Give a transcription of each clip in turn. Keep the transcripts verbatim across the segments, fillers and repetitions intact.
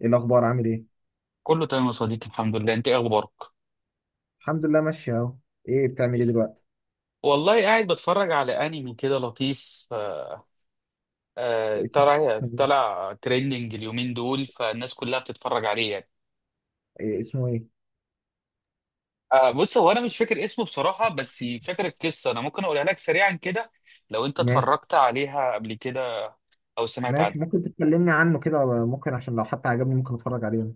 ايه الاخبار؟ عامل ايه؟ كله تمام يا صديقي، الحمد لله. انت ايه اخبارك؟ الحمد لله، ماشي اهو. ايه بتعمل ايه دلوقتي؟ والله قاعد بتفرج على انمي كده لطيف. آه، آه، اسم- طلع طلع تريندنج اليومين دول، فالناس كلها بتتفرج عليه يعني. إيه اسمه ايه؟ آه، بص، هو انا مش فاكر اسمه بصراحة، بس فاكر القصة. انا ممكن اقولها لك سريعا كده لو انت ماشي. اتفرجت عليها قبل كده او سمعت عنها. ماشي، ممكن تتكلمني عنه كده، ممكن عشان لو حتى عجبني ممكن اتفرج عليه.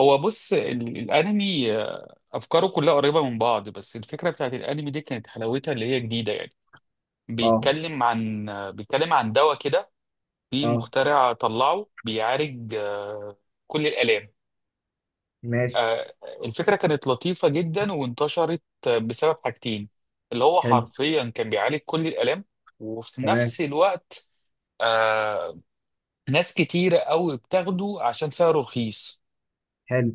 هو بص، ال- الانمي آه، افكاره كلها قريبة من بعض، بس الفكرة بتاعت الانمي دي كانت حلاوتها اللي هي جديدة يعني. اه. بيتكلم عن آه، بيتكلم عن دواء كده. في اه. مخترع طلعه بيعالج آه، كل الآلام. ماشي. آه، الفكرة كانت لطيفة جدا وانتشرت آه، بسبب حاجتين. اللي هو حلو. حرفيا كان بيعالج كل الآلام، وفي تمام. نفس الوقت آه، ناس كتيرة قوي بتاخده عشان سعره رخيص. حلو.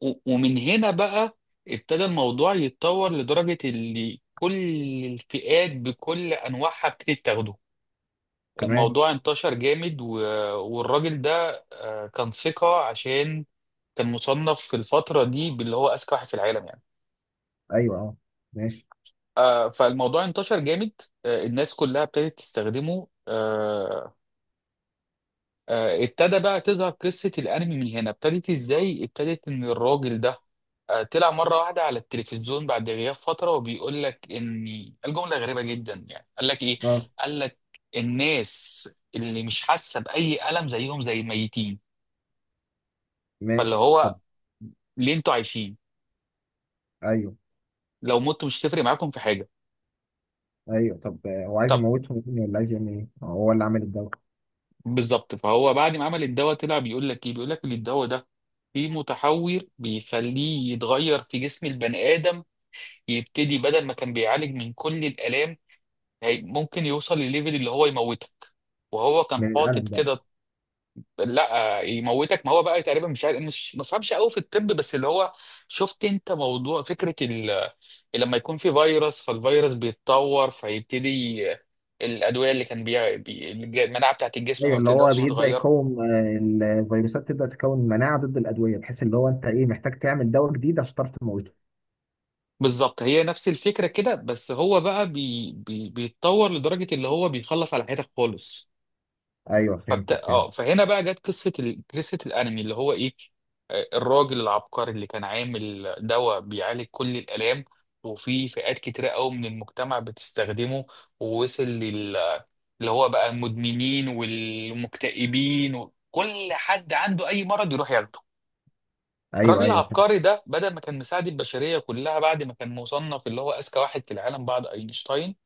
و- ومن هنا بقى ابتدى الموضوع يتطور، لدرجة اللي كل الفئات بكل أنواعها بتبتدي تاخده. تمام. الموضوع انتشر جامد و... والراجل ده آه، كان ثقة، عشان كان مصنف في الفترة دي باللي هو أذكى واحد في العالم يعني. ايوه اه. ماشي. آه، فالموضوع انتشر جامد. آه، الناس كلها ابتدت تستخدمه. آه، آه، ابتدى بقى تظهر قصة الأنمي. من هنا ابتدت إزاي؟ ابتدت إن الراجل ده آه، طلع مرة واحدة على التلفزيون بعد غياب فترة، وبيقول لك إن الجملة غريبة جدا يعني. قال لك إيه؟ اه. قال لك الناس اللي مش حاسة بأي ألم زيهم زي الميتين. فاللي ماشي طب. هو ليه انتوا عايشين؟ ايوه. لو متوا مش هتفرق معاكم في حاجه. ايوه طب، آه، هو عايز طب يموتهم يعني ولا عايز يعمل ايه؟ آه، هو اللي عامل الدواء. بالظبط. فهو بعد ما عمل الدواء طلع بيقول لك ايه، بيقول لك ان الدواء ده فيه متحور بيخليه يتغير في جسم البني ادم. يبتدي بدل ما كان بيعالج من كل الالام، هي- ممكن يوصل لليفل اللي هو يموتك. وهو كان من الالم حاطط بقى؟ كده. لا يموتك. ما هو بقى تقريبا مش عارف، مش ما فهمش قوي في الطب. بس اللي هو شفت انت موضوع فكره ال... لما يكون في فيروس، فالفيروس بيتطور، فيبتدي الادويه اللي كان بي... بي... المناعه بتاعت الجسم ايوه، ما اللي هو بتقدرش بيبدا تغير. يكون آه، الفيروسات تبدا تكون مناعه ضد الادويه، بحيث اللي هو انت ايه محتاج تعمل دواء جديد عشان تعرف تموته. بالظبط، هي نفس الفكره كده. بس هو بقى بي... بي... بيتطور لدرجه اللي هو بيخلص على حياتك خالص. ايوه، فبت... فهمت فهمت اه فهنا بقى جت قصه ال... قصه الانمي اللي هو ايه. آه، الراجل العبقري اللي كان عامل دواء بيعالج كل الالام، وفي فئات كتيره قوي من المجتمع بتستخدمه، ووصل لل اللي هو بقى المدمنين والمكتئبين، وكل حد عنده اي مرض يروح ياخده. الراجل ايوه ايوه فهمت. العبقري ده بدل ما كان مساعد البشريه كلها، بعد ما كان مصنف اللي هو اذكى واحد في العالم بعد اينشتاين،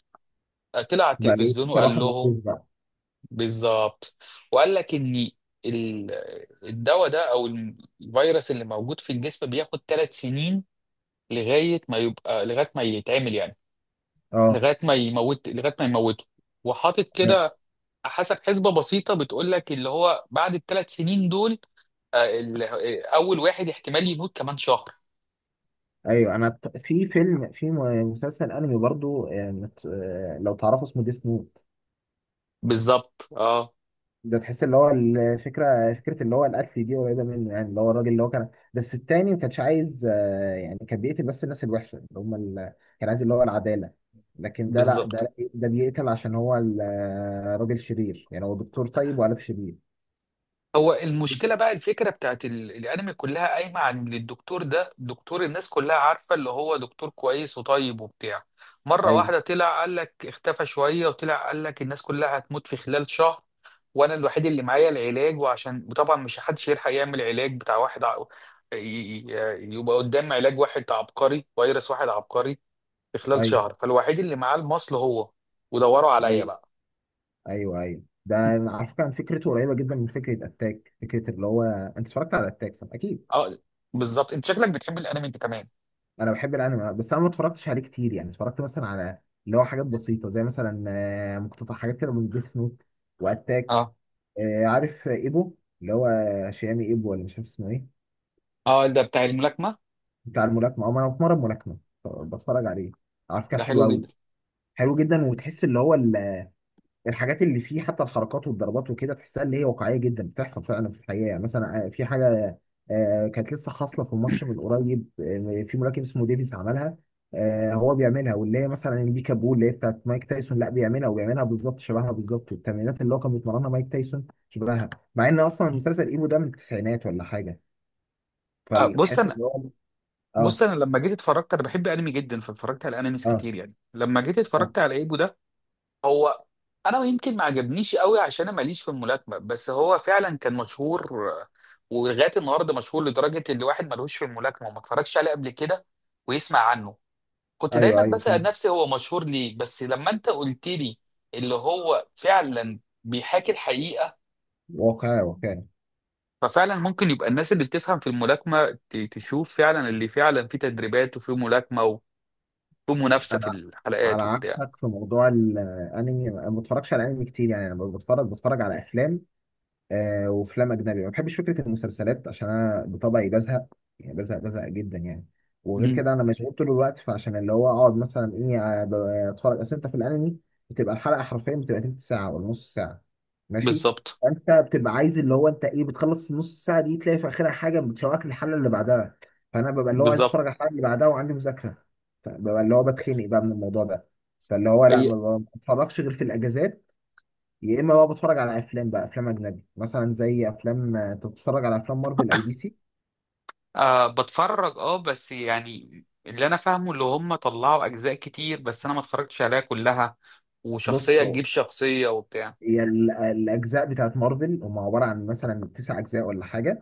آه، طلع على بقى ايه؟ التلفزيون اكتر وقال واحد مخصوص لهم. بقى. بالظبط. وقال لك ان ال- الدواء ده او الفيروس اللي موجود في الجسم بياخد ثلاث سنين لغايه ما يبقى، لغايه ما يتعمل يعني، اه. لغايه ما يموت، لغايه ما يموته. وحاطط كده حسب حسبه بسيطه، بتقول لك اللي هو بعد الثلاث سنين دول آه، ال- آه، اول واحد احتمال يموت كمان شهر. ايوه، انا ت- في فيلم، في م- مسلسل انمي برضو، آه، مت- آه، لو تعرفه اسمه ديس نوت. بالظبط اه ده تحس اللي هو الفكره، فكره اللي هو القتل دي قريبه منه، يعني اللي هو الراجل اللي هو كان، بس التاني ما كانش عايز، آه، يعني كان بيقتل بس الناس الوحشه اللي هم ال... كان عايز اللي هو العداله. لكن ده لا، بالظبط. ده ده بيقتل عشان هو ال- آه، راجل شرير، يعني هو دكتور طيب وقلب شرير. هو المشكله بقى الفكره بتاعت ال- الانمي كلها قايمه عن إن الدكتور ده دكتور. الناس كلها عارفه اللي هو دكتور كويس وطيب وبتاع. مره ايوه. واحده طلع قال لك، اختفى شويه وطلع قال لك الناس كلها هتموت في خلال شهر، وانا الوحيد اللي معايا العلاج. وعشان، وطبعا مش حدش يلحق يعمل علاج بتاع واحد ع... ي- ي- يبقى قدام علاج واحد عبقري، فيروس واحد عبقري في خلال ايوه. شهر، فالوحيد اللي معاه المصل هو. ودوروا عليا ايوه بقى. ايوه ايوه ده على فكره فكرته قريبه جدا من فكره اتاك، فكره اللي هو انت اتفرجت على اتاك صح؟ اكيد اه بالظبط، انت شكلك بتحب الانمي انت كمان. انا بحب الانمي، بس انا ما اتفرجتش عليه كتير، يعني اتفرجت مثلا على اللي هو حاجات بسيطه زي مثلا آه، مقتطع حاجات كده من ديس نوت واتاك. اه. آه، عارف ايبو؟ اللي هو شيامي ايبو ولا مش عارف اسمه ايه. اه، ده بتاع الملاكمه. بتاع الملاكمه، او انا بتمرن ملاكمه، بتفرج عليه، على فكره ده حلو حلو قوي. جدا. حلو جدا، وتحس اللي هو الحاجات اللي فيه حتى الحركات والضربات وكده، تحسها اللي هي واقعيه جدا، بتحصل فعلا في الحقيقه، يعني مثلا آه، في حاجه آه، كانت لسه حاصله في ماتش من قريب، آه، في ملاكم اسمه ديفيز عملها. آه، هو بيعملها، واللي هي مثلا البيكا بول اللي هي بتاعت مايك تايسون، لا بيعملها، وبيعملها بالظبط شبهها بالظبط، والتمرينات اللي هو كان بيتمرنها مايك تايسون شبهها، مع ان اصلا المسلسل ايبو ده من التسعينات ولا حاجه. آه، بص فتحس انا ان هو. بص اه. انا لما جيت اتفرجت، انا بحب انمي جدا، فاتفرجت على انميز اه. كتير يعني. لما جيت اه. اتفرجت على ايبو ده، هو انا يمكن ما عجبنيش قوي عشان انا ماليش في الملاكمه. بس هو فعلا كان مشهور. آه، ولغايه النهارده مشهور، لدرجه ان الواحد ملوش في الملاكمه وما اتفرجش عليه قبل كده ويسمع عنه. كنت دايما ايوه ايوه بسأل فاهم. نفسي هو مشهور ليه، بس لما انت قلت لي اللي هو فعلا بيحاكي الحقيقه، واقعي واقعي ففعلا ممكن يبقى الناس اللي بتفهم في الملاكمة ت- تشوف فعلا اللي فعلا فيه تدريبات، وفيه ملاكمة، وفيه منافسة في انا على الحلقات وبتاع. عكسك في موضوع الانمي، أنا ما بتفرجش على انمي كتير، يعني انا بتفرج بتفرج على افلام. آه، وافلام اجنبي. ما بحبش فكره المسلسلات عشان انا بطبعي بزهق، يعني بزهق بزهق جدا يعني. وغير مم. كده انا مشغول طول الوقت، فعشان اللي هو اقعد مثلا ايه، آه، ب- اتفرج، اصل انت في الانمي بتبقى الحلقه حرفيا، بتبقى تلت ساعه ولا نص ساعه. ماشي. بالظبط. انت بتبقى عايز اللي هو انت ايه، بتخلص النص ساعه دي تلاقي في اخرها حاجه بتشوقك للحلقه اللي بعدها، فانا ببقى اللي هو عايز بالظبط. اتفرج على الحلقه اللي بعدها وعندي مذاكره، فببقى اللي هو بتخنق بقى من الموضوع ده. فاللي هو لا، هي ما بتفرجش غير في الاجازات. يا اما بقى بتفرج على افلام، بقى افلام اجنبي مثلا زي افلام. آه، أنت بتتفرج على افلام مارفل او دي سي؟ أه بتفرج. اه بس يعني اللي انا فاهمه اللي هم طلعوا اجزاء كتير، بس انا ما اتفرجتش عليها كلها. بص، وشخصية تجيب شخصية وبتاع. هي ال- الاجزاء بتاعت مارفل هم عباره عن مثلا تسع اجزاء ولا حاجه.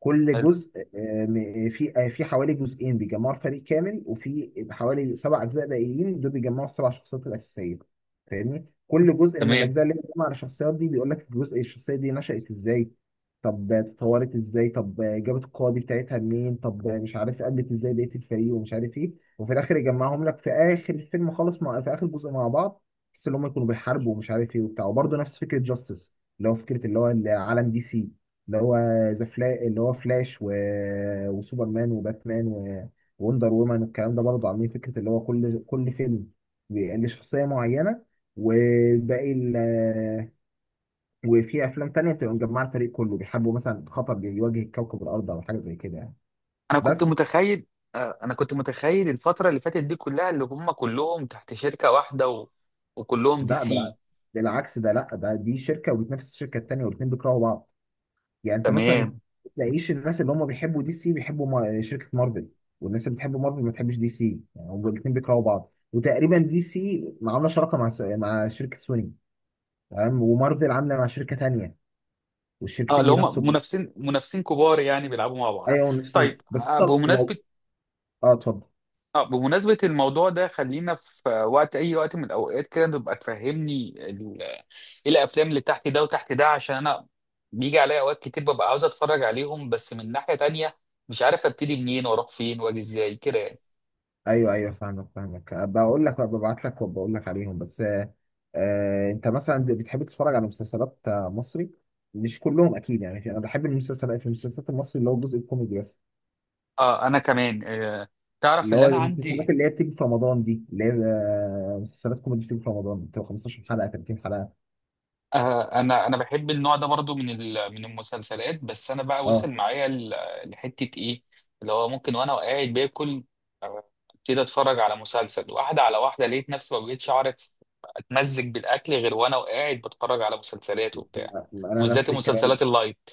كل حلو. جزء، آه، م- في، آه، في حوالي جزئين بيجمعوا الفريق كامل، وفي حوالي سبع اجزاء باقيين دول بيجمعوا السبع شخصيات الاساسيه. فاهمني، كل جزء من تمام. الاجزاء اللي بتجمع الشخصيات دي بيقول لك الجزء الشخصيه دي نشأت ازاي، طب اتطورت ازاي، طب جابت القوه دي بتاعتها منين، طب مش عارف قابلت ازاي بقيه الفريق، ومش عارف ايه، وفي الاخر يجمعهم لك في اخر الفيلم خالص، مع في اخر جزء مع بعض. بس اللي هم يكونوا بيحاربوا ومش عارف ايه وبتاع. وبرضه نفس فكره جاستس، اللي هو فكره اللي هو العالم دي سي، اللي هو ذا فلا اللي هو فلاش و... وسوبرمان وباتمان و... ووندر وومن والكلام ده، برضه عاملين فكره اللي هو كل كل فيلم بيبقى ليه شخصيه معينه وباقي ال... وفي افلام تانية بتبقى مجمعه الفريق كله، بيحاربوا مثلا خطر بيواجه كوكب الارض او حاجه زي كده يعني. انا كنت بس متخيل آه، انا كنت متخيل الفترة اللي فاتت دي كلها اللي هم كلهم تحت شركة واحدة و... وكلهم دي لا بالع... سي. بالعكس، ده لا، ده دي شركه وبتنافس الشركه التانية والاثنين بيكرهوا بعض. يعني انت مثلا تمام. تلاقيش الناس اللي هم بيحبوا دي سي بيحبوا ما- شركة مارفل، والناس اللي بتحب مارفل ما تحبش دي سي، يعني هم الاثنين بيكرهوا بعض، وتقريبا دي سي عاملة شراكة مع س- مع شركة سوني. تمام، ومارفل عاملة مع شركة تانية، اه، والشركتين اللي بينافسوا هم بعض. منافسين، منافسين كبار، يعني بيلعبوا مع بعض. ايوه نفسين. طيب. بس آه، انت بمناسبة لو. اه، اتفضل. آه، بمناسبة الموضوع ده، خلينا في وقت، أي وقت من الأوقات كده، تبقى تفهمني ال- إيه الأفلام اللي تحت ده وتحت ده، عشان أنا بيجي عليا أوقات كتير ببقى عاوز أتفرج عليهم، بس من ناحية تانية مش عارف أبتدي منين وأروح فين وأجي إزاي كده يعني. ايوه ايوه فاهمك فاهمك بقول لك ببعت لك وبقول لك عليهم. بس آه. آه، انت مثلا بتحب تتفرج على مسلسلات آه، مصري؟ مش كلهم اكيد، يعني انا بحب المسلسلات، في المسلسلات المصري اللي هو الجزء الكوميدي بس، اه، أنا كمان. آه، تعرف اللي اللي هو أنا المسلسلات عندي. اللي هي بتيجي في رمضان دي، اللي هي آه، مسلسلات كوميدي بتيجي في رمضان، بتبقى خمسة عشر حلقة تلاتين حلقة. آه، انا انا بحب النوع ده برضو من ال- من المسلسلات. بس انا بقى اه. وصل معايا ل- لحته ايه، اللي هو ممكن وانا قاعد باكل آه، ابتدي اتفرج على مسلسل واحده على واحده، لقيت نفسي ما بقتش اعرف اتمزج بالاكل غير وانا وقاعد بتفرج على مسلسلات وبتاع. انا وبالذات نفس الكلام. المسلسلات اللايت.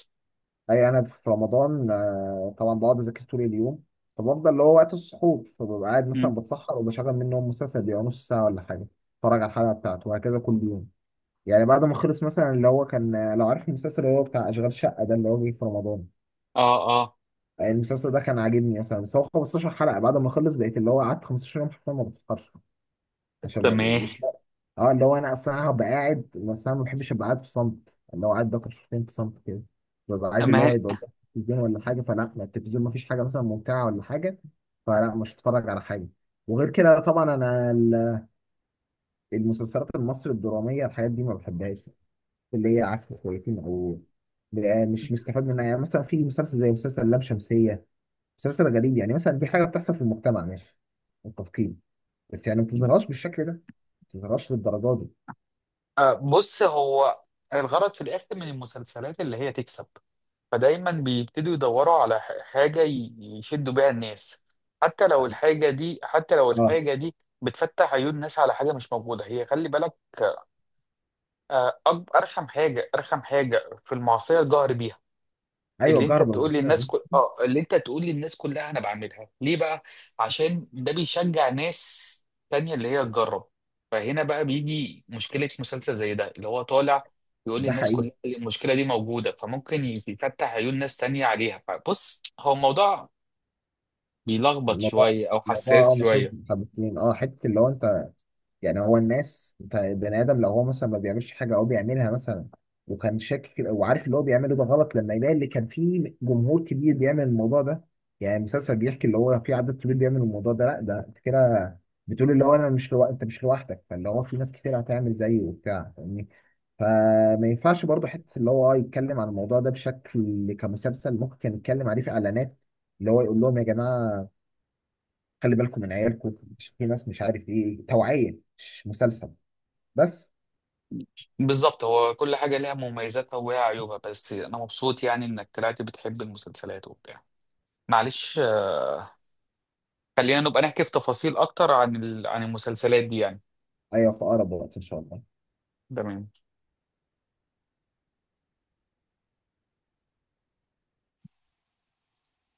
اي انا في رمضان، آه، طبعا بقعد اذاكر طول اليوم، فبفضل اللي هو وقت السحور، فببقى قاعد مم. مثلا بتسحر وبشغل منهم مسلسل بيبقى نص ساعة ولا حاجة، اتفرج على الحلقة بتاعته، وهكذا كل يوم. يعني بعد ما خلص مثلا اللي هو كان، آه، لو عارف المسلسل اللي هو بتاع اشغال شقة ده اللي هو جه في رمضان، اه. اه. آه، المسلسل ده كان عاجبني مثلا، بس هو خمسة عشر حلقة، بعد ما خلص بقيت اللي هو قعدت 15 يوم حرفيا ما بتسحرش، عشان يعني تمام. مش ده. اه، اللي هو انا اصلا انا هبقى قاعد، بس انا ما بحبش ابقى قاعد في صمت، اللي هو قاعد باكل حاجتين في صمت كده، ببقى عايز اللي ما هو هي- يبقى قدام التلفزيون ولا حاجه، فلا، ما التلفزيون ما فيش حاجه مثلا ممتعه ولا حاجه، فلا مش هتفرج على حاجه. وغير كده طبعا انا ال- المسلسلات المصري الدراميه الحاجات دي ما بحبهاش، اللي هي عكس شويتين، او بقى مش مستفاد منها، يعني مثلا في مسلسل زي مسلسل لام شمسيه، مسلسل غريب، يعني مثلا دي حاجه بتحصل في المجتمع، ماشي، متفقين، بس يعني ما تظهرهاش بالشكل ده، ما تظهرهاش للدرجه دي. آه، بص، هو الغرض في الاخر من المسلسلات اللي هي تكسب، فدايما بيبتدوا يدوروا على ح- حاجة ي- يشدوا بيها الناس، حتى لو الحاجة دي، حتى لو اه، الحاجة دي بتفتح عيون الناس على حاجة مش موجودة. هي خلي بالك، آه، أك- أرخم حاجة أرخم حاجة في المعصية الجهر بيها. ايوه اللي انت جرب تقول لي المصايب الناس ده. كل... اه اللي انت تقول لي الناس كلها انا بعملها ليه بقى؟ عشان ده بيشجع ناس تانية اللي هي تجرب. فهنا بقى بيجي مشكلة مسلسل زي ده اللي هو طالع يقول ده للناس حقيقي. كلها اللي المشكلة دي موجودة، فممكن يفتح عيون ناس تانية عليها. فبص، هو الموضوع بيلخبط الموضوع، شوية او الموضوع حساس اه شوية. مخيف حبتين، اه حته اللي هو انت، يعني هو الناس، ف- بني ادم لو هو مثلا ما بيعملش حاجه او بيعملها مثلا وكان شاكك وعارف اللي هو بيعمله ده غلط، لما يلاقي اللي كان فيه جمهور كبير بيعمل الموضوع ده، يعني المسلسل بيحكي اللي هو في عدد كبير بيعمل الموضوع ده، لا ده انت كده بتقول اللي هو انا مش لو... انت مش لوحدك، فاللي هو في ناس كتير هتعمل زيه وبتاع، فاهمني، فما ينفعش برضه حته اللي هو يتكلم عن الموضوع ده بشكل كمسلسل، ممكن كان يتكلم عليه في اعلانات، اللي هو يقول لهم يا جماعه خلي بالكم من عيالكم، عشان في ناس مش عارف ايه، توعيه مش مسلسل بس. بالظبط، هو كل حاجة ليها مميزاتها وليها عيوبها. بس انا مبسوط يعني انك طلعت بتحب المسلسلات وبتاع. معلش، خلينا نبقى نحكي في تفاصيل اكتر عن ال... عن المسلسلات دي يعني. ايوه، في اقرب وقت ان شاء الله. تمام.